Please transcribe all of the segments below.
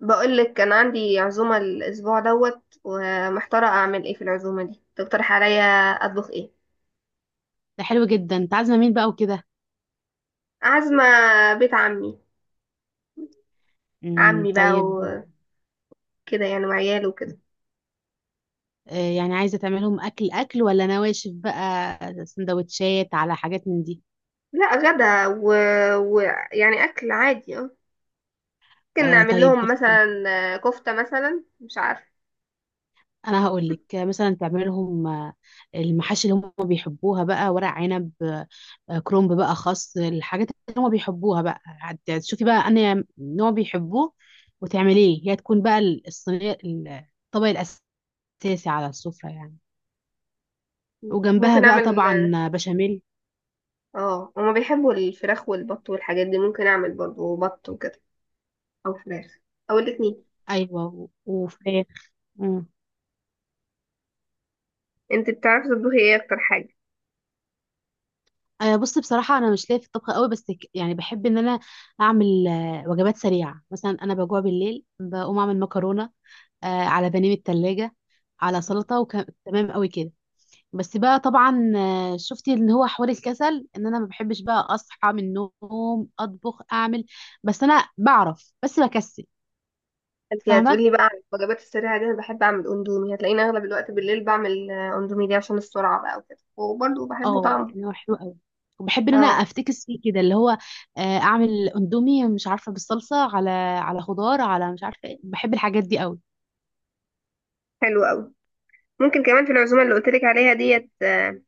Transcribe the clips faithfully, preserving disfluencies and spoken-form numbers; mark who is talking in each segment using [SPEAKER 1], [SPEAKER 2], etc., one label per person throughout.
[SPEAKER 1] بقول لك كان عندي عزومة الأسبوع دوت، ومحتارة أعمل إيه في العزومة دي. تقترح عليا أطبخ إيه؟
[SPEAKER 2] ده حلو جدا، انت عازمه مين بقى وكده؟
[SPEAKER 1] عازمة بيت عمي.
[SPEAKER 2] امم
[SPEAKER 1] عمي بقى
[SPEAKER 2] طيب.
[SPEAKER 1] وكده، يعني وعياله وكده.
[SPEAKER 2] آه، يعني عايزه تعملهم اكل اكل ولا نواشف بقى، سندوتشات على حاجات من دي؟
[SPEAKER 1] لا، غدا ويعني و... ويعني أكل عادي اه ممكن
[SPEAKER 2] آه
[SPEAKER 1] نعمل
[SPEAKER 2] طيب
[SPEAKER 1] لهم
[SPEAKER 2] بصي،
[SPEAKER 1] مثلا آه، كفتة مثلا، مش عارفة.
[SPEAKER 2] انا هقول لك مثلا تعملهم آه، المحاشي اللي هم بيحبوها بقى، ورق عنب، آه، كرنب بقى، خس، الحاجات اللي هم بيحبوها بقى. هت- تشوفي بقى انا نوع بيحبوه وتعمليه، هي تكون بقى الصينيه، الطبق الاساسي على السفره يعني، وجنبها
[SPEAKER 1] ممكن
[SPEAKER 2] بقى
[SPEAKER 1] أعمل.
[SPEAKER 2] طبعا بشاميل.
[SPEAKER 1] اه هما بيحبوا الفراخ والبط والحاجات دي، ممكن أعمل برضه بط وكده، أو فراخ أو الاتنين.
[SPEAKER 2] ايوه وفراخ. مم.
[SPEAKER 1] انت بتعرفي تطبخي ايه اكتر حاجة؟
[SPEAKER 2] آه، بص، بصراحة أنا مش ليا في الطبخ قوي، بس ك- يعني بحب إن أنا أعمل آه، وجبات سريعة. مثلا أنا بجوع بالليل بقوم أعمل مكرونة، آه، على بانيه من التلاجة، على سلطة، وتمام قوي كده. بس بقى طبعا، آه، شفتي إن هو حوار الكسل، إن أنا ما بحبش بقى أصحى من النوم أطبخ أعمل. بس أنا بعرف، بس بكسل.
[SPEAKER 1] انت
[SPEAKER 2] فاهمة.
[SPEAKER 1] هتقولي بقى عن الوجبات السريعه دي، انا بحب اعمل اندومي، هتلاقيني اغلب الوقت بالليل بعمل آه، اندومي دي عشان السرعه بقى وكده، وبرضه بحبه
[SPEAKER 2] اه
[SPEAKER 1] طعمه.
[SPEAKER 2] يعني هو حلو قوي، وبحب ان انا
[SPEAKER 1] اه
[SPEAKER 2] افتكس فيه كده، اللي هو آه، اعمل اندومي مش عارفه بالصلصه، على على خضار، على مش عارفه ايه. بحب الحاجات دي قوي.
[SPEAKER 1] حلو قوي. ممكن كمان في العزومه اللي قلت لك عليها ديت آه،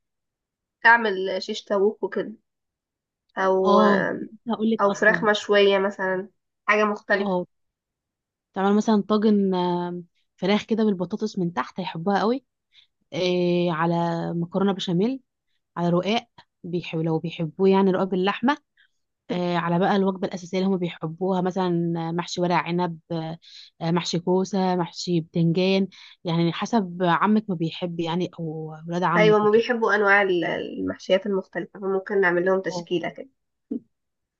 [SPEAKER 1] اعمل شيش طاووق وكده، او
[SPEAKER 2] اه
[SPEAKER 1] آه،
[SPEAKER 2] كنت لسه هقول لك
[SPEAKER 1] او فراخ
[SPEAKER 2] اصلا.
[SPEAKER 1] مشويه مثلا، حاجه مختلفه.
[SPEAKER 2] اه تعمل مثلا طاجن، آم، فراخ كده بالبطاطس من تحت، هيحبوها قوي. آه، على مكرونه بشاميل، على رقاق، بيحب لو بيحبوه يعني رقاق باللحمه. آه، على بقى الوجبة الأساسية اللي هم بيحبوها، مثلا آه، محشي ورق عنب، آه، آه، محشي كوسة، محشي بتنجان. يعني حسب عمك ما بيحب، يعني أو ولاد
[SPEAKER 1] ايوه
[SPEAKER 2] عمك
[SPEAKER 1] هما
[SPEAKER 2] وكده.
[SPEAKER 1] بيحبوا انواع ال- المحشيات المختلفه، فممكن نعمل لهم
[SPEAKER 2] اه
[SPEAKER 1] تشكيله كده.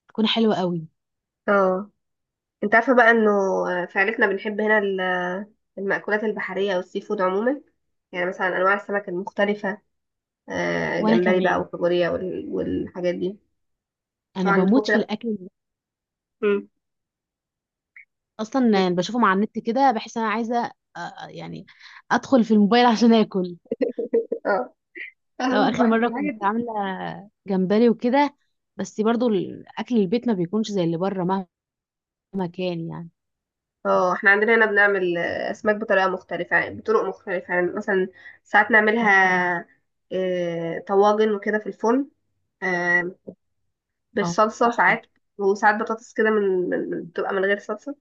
[SPEAKER 2] تكون حلوة قوي.
[SPEAKER 1] اه انت عارفه بقى انه آه، في عيلتنا بنحب هنا ال- المأكولات البحريه والسي فود عموما، يعني مثلا انواع السمك المختلفه، آه،
[SPEAKER 2] وأنا
[SPEAKER 1] جمبري بقى
[SPEAKER 2] كمان،
[SPEAKER 1] وكابوريا وال- والحاجات دي. انتوا
[SPEAKER 2] أنا
[SPEAKER 1] عندكم
[SPEAKER 2] بموت في
[SPEAKER 1] كده؟
[SPEAKER 2] الأكل.
[SPEAKER 1] مم.
[SPEAKER 2] أصلا
[SPEAKER 1] بت...
[SPEAKER 2] يعني بشوفهم على النت كده بحس أنا عايزة آه، آه، يعني أدخل في الموبايل عشان آكل.
[SPEAKER 1] اه انا
[SPEAKER 2] لو
[SPEAKER 1] برضه
[SPEAKER 2] آخر
[SPEAKER 1] بحب
[SPEAKER 2] مرة
[SPEAKER 1] الحاجات
[SPEAKER 2] كنت
[SPEAKER 1] دي.
[SPEAKER 2] عاملة جمبري وكده، بس برضو الأكل البيت ما بيكونش زي اللي بره مهما كان يعني.
[SPEAKER 1] اه احنا عندنا هنا بنعمل آه، اسماك بطريقه مختلفه، يعني بطرق مختلفه، يعني مثلا ساعات نعملها آه، طواجن وكده في الفرن، آه،
[SPEAKER 2] اه
[SPEAKER 1] بالصلصه
[SPEAKER 2] تحفة.
[SPEAKER 1] ساعات، وساعات بطاطس كده من من- من- بتبقى من غير صلصه.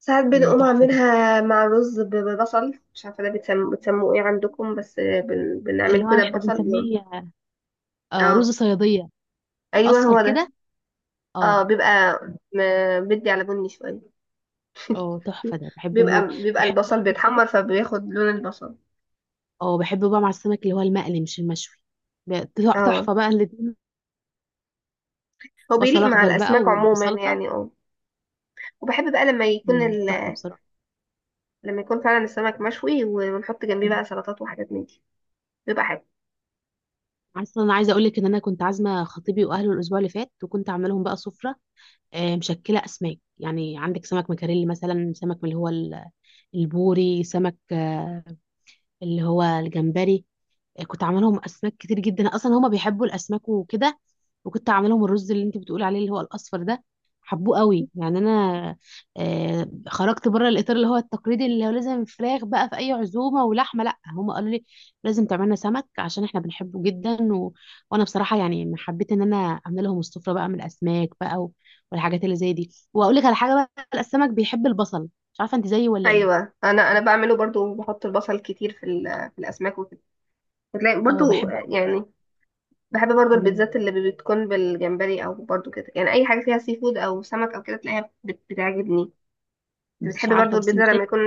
[SPEAKER 1] ساعات
[SPEAKER 2] مم،
[SPEAKER 1] بنقوم
[SPEAKER 2] تحفة ده،
[SPEAKER 1] عاملينها مع رز ب- ببصل، مش عارفه ده بتسم... بتسموه ايه عندكم، بس آه، بن... بنعمل
[SPEAKER 2] اللي هو
[SPEAKER 1] كده
[SPEAKER 2] احنا
[SPEAKER 1] ببصل و-
[SPEAKER 2] بنسميه آه، رز
[SPEAKER 1] اه
[SPEAKER 2] صيادية.
[SPEAKER 1] ايوه
[SPEAKER 2] اصفر
[SPEAKER 1] هو ده.
[SPEAKER 2] كده.
[SPEAKER 1] اه
[SPEAKER 2] اه.
[SPEAKER 1] بيبقى م- بدي على بني شوية.
[SPEAKER 2] اه تحفة ده، بحبه موت.
[SPEAKER 1] بيبقى بيبقى
[SPEAKER 2] بحبه
[SPEAKER 1] البصل
[SPEAKER 2] بقى بالذات.
[SPEAKER 1] بيتحمر، فبياخد لون البصل.
[SPEAKER 2] اه بحبه بقى مع السمك، اللي هو المقلي مش المشوي. ب-
[SPEAKER 1] اه
[SPEAKER 2] تحفة بقى الاتنين.
[SPEAKER 1] هو بيليق
[SPEAKER 2] بصل
[SPEAKER 1] مع
[SPEAKER 2] اخضر بقى،
[SPEAKER 1] الأسماك عموما
[SPEAKER 2] وبسلطة.
[SPEAKER 1] يعني اه وبحب بقى لما يكون
[SPEAKER 2] مم، تحفة
[SPEAKER 1] ال...
[SPEAKER 2] بصراحة.
[SPEAKER 1] لما يكون فعلا السمك مشوي، ونحط جنبيه بقى سلطات وحاجات من دي، بيبقى حلو.
[SPEAKER 2] اصلا انا عايزه اقول لك ان انا كنت عازمه خطيبي واهله الاسبوع اللي فات، وكنت عامله لهم بقى سفره آه، مشكله اسماك. يعني عندك سمك مكاريلي مثلا، سمك من اللي هو ال- البوري، سمك آه، اللي هو الجمبري. كنت عاملهم اسماك كتير جدا، اصلا هما بيحبوا الاسماك وكده. وكنت عاملهم الرز اللي انت بتقول عليه اللي هو الاصفر ده، حبوه قوي. يعني انا آه خرجت بره الاطار اللي هو التقليدي، اللي هو لازم فراخ بقى في اي عزومه ولحمه. لا، هما قالوا لي لازم تعملنا سمك عشان احنا بنحبه جدا. و... وانا بصراحه يعني حبيت ان انا اعمل لهم السفره بقى من الاسماك بقى، و... والحاجات اللي زي دي. واقول لك على حاجه بقى، السمك بيحب البصل، مش عارفه انت زيي ولا ايه.
[SPEAKER 1] ايوه انا انا بعمله برضو، بحط البصل كتير في ال... في الاسماك وكده. بتلاقي
[SPEAKER 2] اه
[SPEAKER 1] برضو
[SPEAKER 2] بحب
[SPEAKER 1] آه،
[SPEAKER 2] قوي.
[SPEAKER 1] يعني بحب برضو
[SPEAKER 2] مم.
[SPEAKER 1] البيتزات اللي بتكون بالجمبري، او برضو كده، يعني اي حاجه فيها سي فود او سمك او كده، تلاقيها بت... بتعجبني.
[SPEAKER 2] مش
[SPEAKER 1] بتحب برضو
[SPEAKER 2] عارفه بس
[SPEAKER 1] البيتزا
[SPEAKER 2] مش
[SPEAKER 1] لما
[SPEAKER 2] لاقي.
[SPEAKER 1] يكون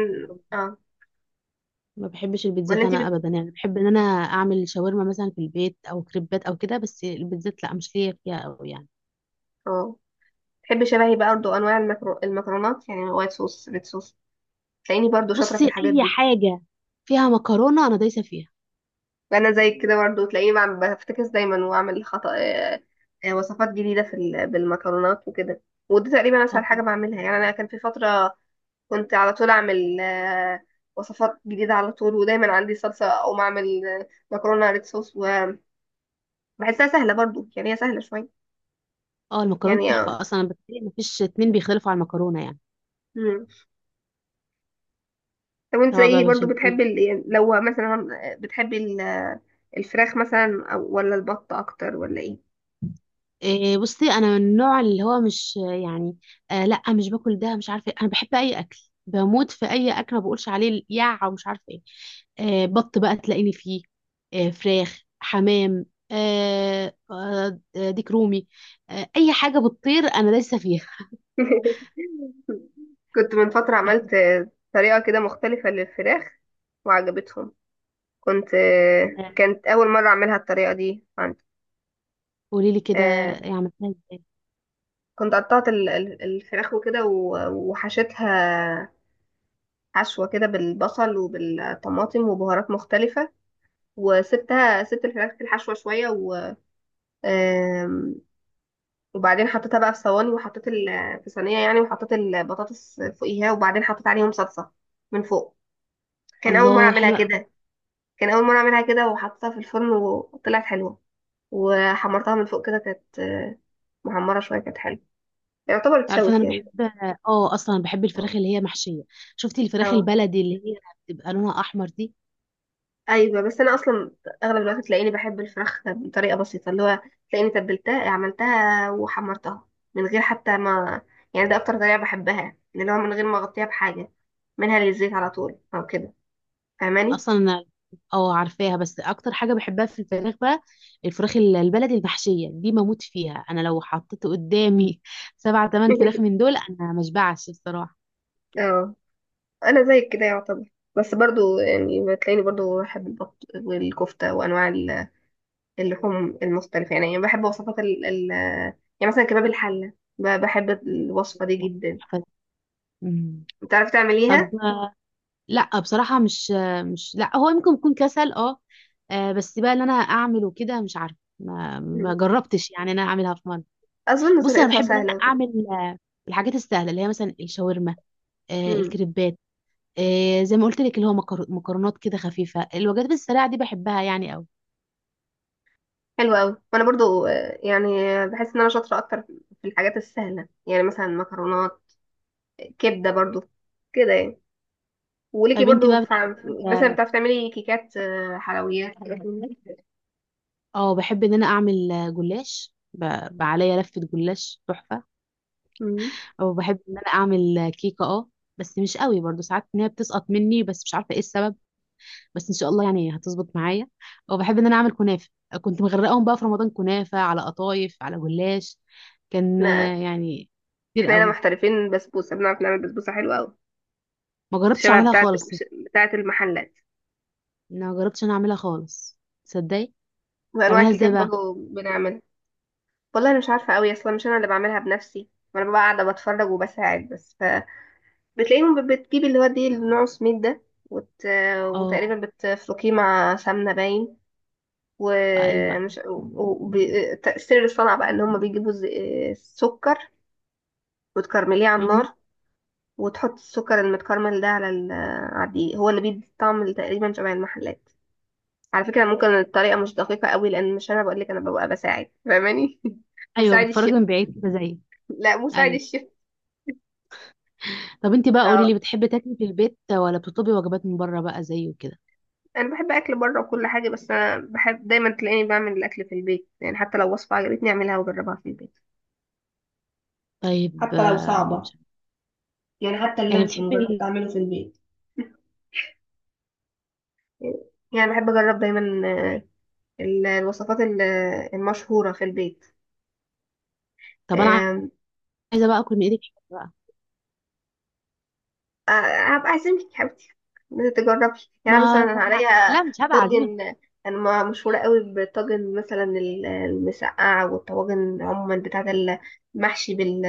[SPEAKER 1] اه
[SPEAKER 2] ما بحبش
[SPEAKER 1] ولا
[SPEAKER 2] البيتزات
[SPEAKER 1] انت
[SPEAKER 2] انا
[SPEAKER 1] بت...
[SPEAKER 2] ابدا يعني. بحب ان انا اعمل شاورما مثلا في البيت، او كريبات او كده، بس البيتزات لا، مش ليا فيها أوي يعني.
[SPEAKER 1] اه بتحبي شبهي بقى برضه انواع المكرو... المكرونات، يعني وايت صوص ريد صوص، تلاقيني برضه شاطره في
[SPEAKER 2] بصي
[SPEAKER 1] الحاجات
[SPEAKER 2] اي
[SPEAKER 1] دي.
[SPEAKER 2] حاجه فيها مكرونه انا دايسه فيها.
[SPEAKER 1] وانا زيك كده برضه، تلاقيني بعمل بفتكس دايما، واعمل خطأ آه، آه، وصفات جديده في ال... بالمكرونات وكده. ودي تقريبا اسهل
[SPEAKER 2] اه.
[SPEAKER 1] حاجه بعملها، يعني انا كان في فتره كنت على طول اعمل آه، وصفات جديده على طول، ودايما عندي صلصه او اعمل آه، مكرونه ريد صوص، وبحسها سهله برضه، يعني هي سهله شويه.
[SPEAKER 2] اه المكرونه
[SPEAKER 1] يعني آه،
[SPEAKER 2] تحفه اصلا، بتهيألي ما فيش اتنين بيختلفوا على المكرونه يعني.
[SPEAKER 1] مم. طب انت
[SPEAKER 2] سواء بقى
[SPEAKER 1] ايه برضو
[SPEAKER 2] بشاميل.
[SPEAKER 1] بتحبي ال... يعني لو مثلا بتحبي ال... الفراخ مثلا، أو- ولا البط اكتر ولا ايه؟
[SPEAKER 2] إيه، بصي انا من النوع اللي هو مش يعني، آه لا مش باكل ده مش عارفه إيه. انا بحب اي اكل، بموت في اي اكل، ما بقولش عليه يا ومش عارفه ايه. آه بط بقى تلاقيني فيه، آه فراخ، حمام، آه آه آه، ديك رومي. آه اي حاجه بتطير انا دايسه فيها.
[SPEAKER 1] كنت من فترة عملت
[SPEAKER 2] بحب.
[SPEAKER 1] طريقة كده مختلفة للفراخ، وعجبتهم، كنت كانت اول مرة اعملها الطريقة دي عندي.
[SPEAKER 2] قولي لي كده،
[SPEAKER 1] آه،
[SPEAKER 2] إيه عملتها ازاي؟
[SPEAKER 1] كنت قطعت ال- ال- الفراخ وكده و- وحشيتها حشوة كده بالبصل وبالطماطم وبهارات مختلفة، وسبتها، سبت الفراخ في الحشوة شوية و... وبعدين حطيتها بقى في صواني، وحطيت ال- في صينيه يعني، وحطيت البطاطس فوقيها، وبعدين حطيت عليهم صلصه من فوق. كان اول مره
[SPEAKER 2] الله
[SPEAKER 1] اعملها
[SPEAKER 2] حلوه قوي.
[SPEAKER 1] كده كان اول مره اعملها كده، وحطيتها في الفرن وطلعت حلوه، وحمرتها من فوق كده، كانت آه، محمره شويه، كانت حلوه. يعتبر
[SPEAKER 2] تعرفي
[SPEAKER 1] اتشوت
[SPEAKER 2] انا
[SPEAKER 1] يعني.
[SPEAKER 2] بحب، اه اصلا بحب الفراخ
[SPEAKER 1] اه
[SPEAKER 2] اللي هي محشيه. شفتي الفراخ
[SPEAKER 1] اه
[SPEAKER 2] البلدي اللي هي بتبقى لونها احمر دي؟
[SPEAKER 1] ايوه، بس انا اصلا اغلب الوقت تلاقيني بحب الفراخ بطريقه بسيطه، اللي هو تلاقيني تبلتها عملتها وحمرتها من غير حتى ما، يعني ده اكتر طريقه بحبها، اللي هو من غير ما اغطيها بحاجه، منها للزيت على طول او كده. فاهماني؟
[SPEAKER 2] اصلا اه عارفاها. بس اكتر حاجه بحبها في الفراخ بقى، الفراخ ال- البلدي المحشيه دي، بموت فيها انا. لو حطيت قدامي سبعة تمن فراخ من دول انا مشبعش بصراحه.
[SPEAKER 1] اه انا زيك كده يعتبر. بس برضو يعني بتلاقيني برضو بحب البط والكفتة وانواع ال- اللحوم المختلفة، يعني يعني بحب وصفات ال ال يعني مثلا كباب الحلة، ب- بحب الوصفة دي جدا.
[SPEAKER 2] تحفة. مم.
[SPEAKER 1] بتعرفي تعمليها؟
[SPEAKER 2] طب آه، لا بصراحه مش آه، مش لا، هو ممكن يكون كسل اه. آه، بس بقى اللي انا اعمله كده، مش عارفه، ما ما
[SPEAKER 1] مم.
[SPEAKER 2] جربتش يعني إن انا اعملها في مره.
[SPEAKER 1] اظن
[SPEAKER 2] بص انا
[SPEAKER 1] طريقتها
[SPEAKER 2] بحب ان انا
[SPEAKER 1] سهلة وكده.
[SPEAKER 2] اعمل آه، الحاجات السهله، اللي هي مثلا الشاورما، آه،
[SPEAKER 1] مم.
[SPEAKER 2] الكريبات. إيه، زي ما قلت لك، اللي هو مكر- مكرونات كده خفيفة، الوجبات السريعة دي بحبها يعني قوي.
[SPEAKER 1] حلوة اوي، وانا برضو آه، يعني بحس ان انا شاطرة اكتر في الحاجات السهلة، يعني مثلا مكرونات، كبدة برضو، كده يعني. وليكي
[SPEAKER 2] طيب انت
[SPEAKER 1] برضو
[SPEAKER 2] بقى
[SPEAKER 1] في-
[SPEAKER 2] بتحبي
[SPEAKER 1] مثلا
[SPEAKER 2] اه
[SPEAKER 1] بتعرفي تعملي كيكات آه، حلويات حاجات؟
[SPEAKER 2] آه، بحب ان انا اعمل آه، جلاش، ب- بقى عليا لفة جلاش تحفة.
[SPEAKER 1] مم.
[SPEAKER 2] او بحب ان انا اعمل آه، كيكة اه، بس مش قوي برضو ساعات ان هي بتسقط مني، بس مش عارفة ايه السبب. بس ان شاء الله يعني هتظبط معايا. او بحب ان انا اعمل كنافة. كنت مغرقاهم بقى في رمضان، كنافة على قطايف على جلاش، كان
[SPEAKER 1] احنا
[SPEAKER 2] آه، يعني كتير
[SPEAKER 1] احنا هنا
[SPEAKER 2] قوي.
[SPEAKER 1] محترفين بسبوسه، بنعرف نعمل بسبوسه حلوه قوي،
[SPEAKER 2] ما جربتش
[SPEAKER 1] الشبه
[SPEAKER 2] اعملها
[SPEAKER 1] بتاعه
[SPEAKER 2] خالص.
[SPEAKER 1] بتاعه المحلات،
[SPEAKER 2] ما جربتش انا اعملها خالص، تصدقي.
[SPEAKER 1] وانواع
[SPEAKER 2] بتعملها ازاي
[SPEAKER 1] الكيكات
[SPEAKER 2] بقى؟
[SPEAKER 1] برضه بنعمل. والله انا مش عارفه قوي، اصلا مش انا اللي بعملها بنفسي، انا ببقى قاعده بتفرج وبساعد بس. فبتلاقيهم ب- بتجيب اللي هو دي النوع سميد ده، وت...
[SPEAKER 2] اه
[SPEAKER 1] وتقريبا بتفركيه مع سمنه باين،
[SPEAKER 2] ايوه ايوه.
[SPEAKER 1] ومش وب... تأثير الصنعة بقى ان هم بيجيبوا ز- سكر وتكرمليه على
[SPEAKER 2] مهم.
[SPEAKER 1] النار، وتحط السكر المتكرمل ده على ال- آه، على الدقيق، هو اللي بيدي طعم تقريبا شبه المحلات. على فكرة ممكن الطريقة مش دقيقة قوي، لأن مش أنا بقولك، أنا ببقى بساعد. فاهماني؟
[SPEAKER 2] ايوه
[SPEAKER 1] مساعد
[SPEAKER 2] بتفرج
[SPEAKER 1] الشيف.
[SPEAKER 2] من بعيد كده زيي.
[SPEAKER 1] لا، مساعد
[SPEAKER 2] ايوه.
[SPEAKER 1] الشيف.
[SPEAKER 2] طب انت بقى قولي لي،
[SPEAKER 1] اه
[SPEAKER 2] بتحبي تاكلي في البيت ولا بتطلبي وجبات من بره بقى زيي وكده؟
[SPEAKER 1] أنا بحب أكل بره وكل حاجة، بس أنا بحب دايما تلاقيني بعمل الأكل في البيت، يعني حتى لو وصفة عجبتني أعملها وأجربها في البيت،
[SPEAKER 2] طيب
[SPEAKER 1] حتى لو
[SPEAKER 2] آه،
[SPEAKER 1] صعبة،
[SPEAKER 2] مش عارفة.
[SPEAKER 1] يعني حتى
[SPEAKER 2] يعني
[SPEAKER 1] اللانشون
[SPEAKER 2] بتحبي
[SPEAKER 1] جربت
[SPEAKER 2] ال...
[SPEAKER 1] أعمله في البيت. يعني بحب أجرب دايما آه، ال- الوصفات ال- المشهورة في البيت.
[SPEAKER 2] طب انا
[SPEAKER 1] آم،
[SPEAKER 2] عايزه بقى اكل من ايدك حاجة بقى.
[SPEAKER 1] آه، هبقى اعزمك يا حبيبتي تجربي،
[SPEAKER 2] ما
[SPEAKER 1] يعني مثلا انا
[SPEAKER 2] أنا...
[SPEAKER 1] عليا
[SPEAKER 2] لا مش هبقى عزيزي.
[SPEAKER 1] طاجن، انا ما- مشهوره قوي بالطاجن، مثلا ال- المسقعه والطواجن عموما، بتاعه المحشي بال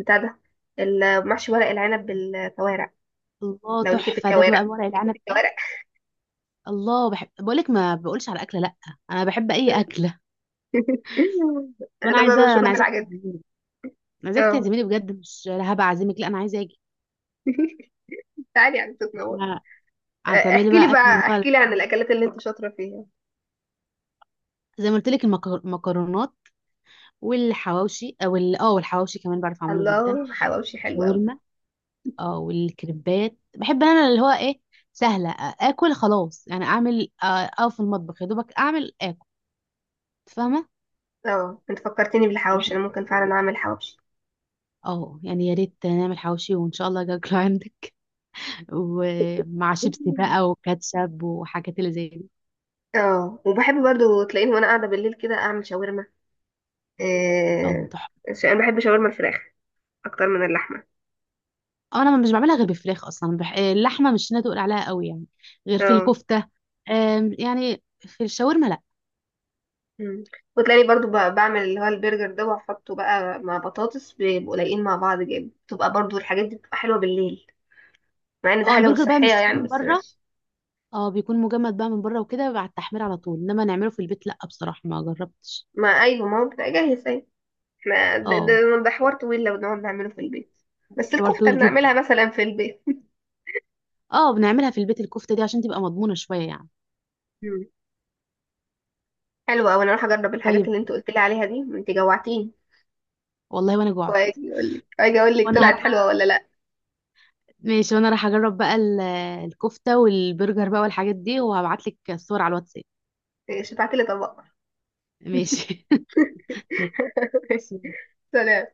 [SPEAKER 1] بتاع ده، المحشي ورق العنب بالكوارع.
[SPEAKER 2] الله
[SPEAKER 1] لو ليكي في
[SPEAKER 2] تحفه ده بقى،
[SPEAKER 1] الكوارع،
[SPEAKER 2] ورق
[SPEAKER 1] ليكي في
[SPEAKER 2] العنب ده.
[SPEAKER 1] الكوارع.
[SPEAKER 2] الله، بحب، بقول لك ما بقولش على اكله لا، انا بحب اي اكله. وانا
[SPEAKER 1] انا بقى
[SPEAKER 2] عايزه،
[SPEAKER 1] مشهوره
[SPEAKER 2] انا عايزاك
[SPEAKER 1] بالحاجات دي.
[SPEAKER 2] تعزميني. انا عايزاك
[SPEAKER 1] اه
[SPEAKER 2] تعزميني بجد، مش لا هبقى اعزمك، لا انا عايزه اجي.
[SPEAKER 1] تعالي يعني تتنور. آه،
[SPEAKER 2] فهتعملي
[SPEAKER 1] احكي لي
[SPEAKER 2] بقى اكل اللي
[SPEAKER 1] بقى
[SPEAKER 2] هو،
[SPEAKER 1] احكي لي عن الاكلات اللي انت شاطره فيها.
[SPEAKER 2] زي ما قلت لك، المكرونات والحواوشي او ال- اه والحواوشي كمان، بعرف اعمله جدا.
[SPEAKER 1] الله، حواوشي حلو قوي.
[SPEAKER 2] الشاورما. اه والكريبات بحب انا، اللي هو ايه، سهله، آ- اكل خلاص يعني، اعمل آه، اقف في المطبخ يا دوبك اعمل اكل، فاهمه.
[SPEAKER 1] اه انت فكرتني بالحواوشي،
[SPEAKER 2] بحب.
[SPEAKER 1] انا ممكن فعلا اعمل حواوشي.
[SPEAKER 2] اه يعني يا ريت نعمل حواوشي، وان شاء الله اجي اكله عندك ومع شيبسي بقى وكاتشب وحاجات اللي زي دي.
[SPEAKER 1] اه وبحب برضو تلاقيني وانا قاعده بالليل كده اعمل شاورما.
[SPEAKER 2] اه
[SPEAKER 1] آه
[SPEAKER 2] تحفه.
[SPEAKER 1] ش- انا بحب شاورما الفراخ اكتر من اللحمه.
[SPEAKER 2] انا مش بعملها غير بالفراخ اصلا، بح... آه، اللحمه مش انا تقول عليها قوي يعني، غير في
[SPEAKER 1] اه
[SPEAKER 2] الكفته. آم، يعني في الشاورما لا.
[SPEAKER 1] مم. وتلاقيني برضو ب- بعمل اللي هو البرجر ده، واحطه بقى مع بطاطس، بيبقوا لايقين مع بعض جامد، بتبقى برضو الحاجات دي بتبقى حلوه بالليل، مع ان ده
[SPEAKER 2] اه
[SPEAKER 1] حاجه مش
[SPEAKER 2] البرجر بقى
[SPEAKER 1] صحيه
[SPEAKER 2] بنشتريه
[SPEAKER 1] يعني،
[SPEAKER 2] من
[SPEAKER 1] بس
[SPEAKER 2] بره.
[SPEAKER 1] ماشي.
[SPEAKER 2] اه بيكون مجمد بقى من بره وكده بعد التحمير على طول، انما نعمله في البيت لا بصراحه ما جربتش.
[SPEAKER 1] ما ايوه، ما هو بتبقى جاهز اهي، احنا ده,
[SPEAKER 2] اه
[SPEAKER 1] ده, ده حوار طويل لو نقعد نعمله في البيت. بس
[SPEAKER 2] حوار
[SPEAKER 1] الكفته
[SPEAKER 2] طويل جدا.
[SPEAKER 1] بنعملها مثلا في البيت.
[SPEAKER 2] اه بنعملها في البيت الكفته دي عشان تبقى مضمونه شويه يعني.
[SPEAKER 1] مم. حلوه اوي، انا اروح اجرب الحاجات
[SPEAKER 2] طيب،
[SPEAKER 1] اللي انت قلت لي عليها دي، انت جوعتيني.
[SPEAKER 2] والله وانا جوعت.
[SPEAKER 1] واجي اقول لك، واجي اقول لك
[SPEAKER 2] وانا
[SPEAKER 1] طلعت
[SPEAKER 2] هروح
[SPEAKER 1] حلوه
[SPEAKER 2] أعمل-
[SPEAKER 1] ولا لا.
[SPEAKER 2] ماشي، وانا راح اجرب بقى ال- الكفته والبرجر بقى والحاجات دي، وهبعت لك الصور على الواتساب.
[SPEAKER 1] إيه، شفعت لي طبق.
[SPEAKER 2] ماشي
[SPEAKER 1] ماشي.
[SPEAKER 2] ماشي.
[SPEAKER 1] سلام.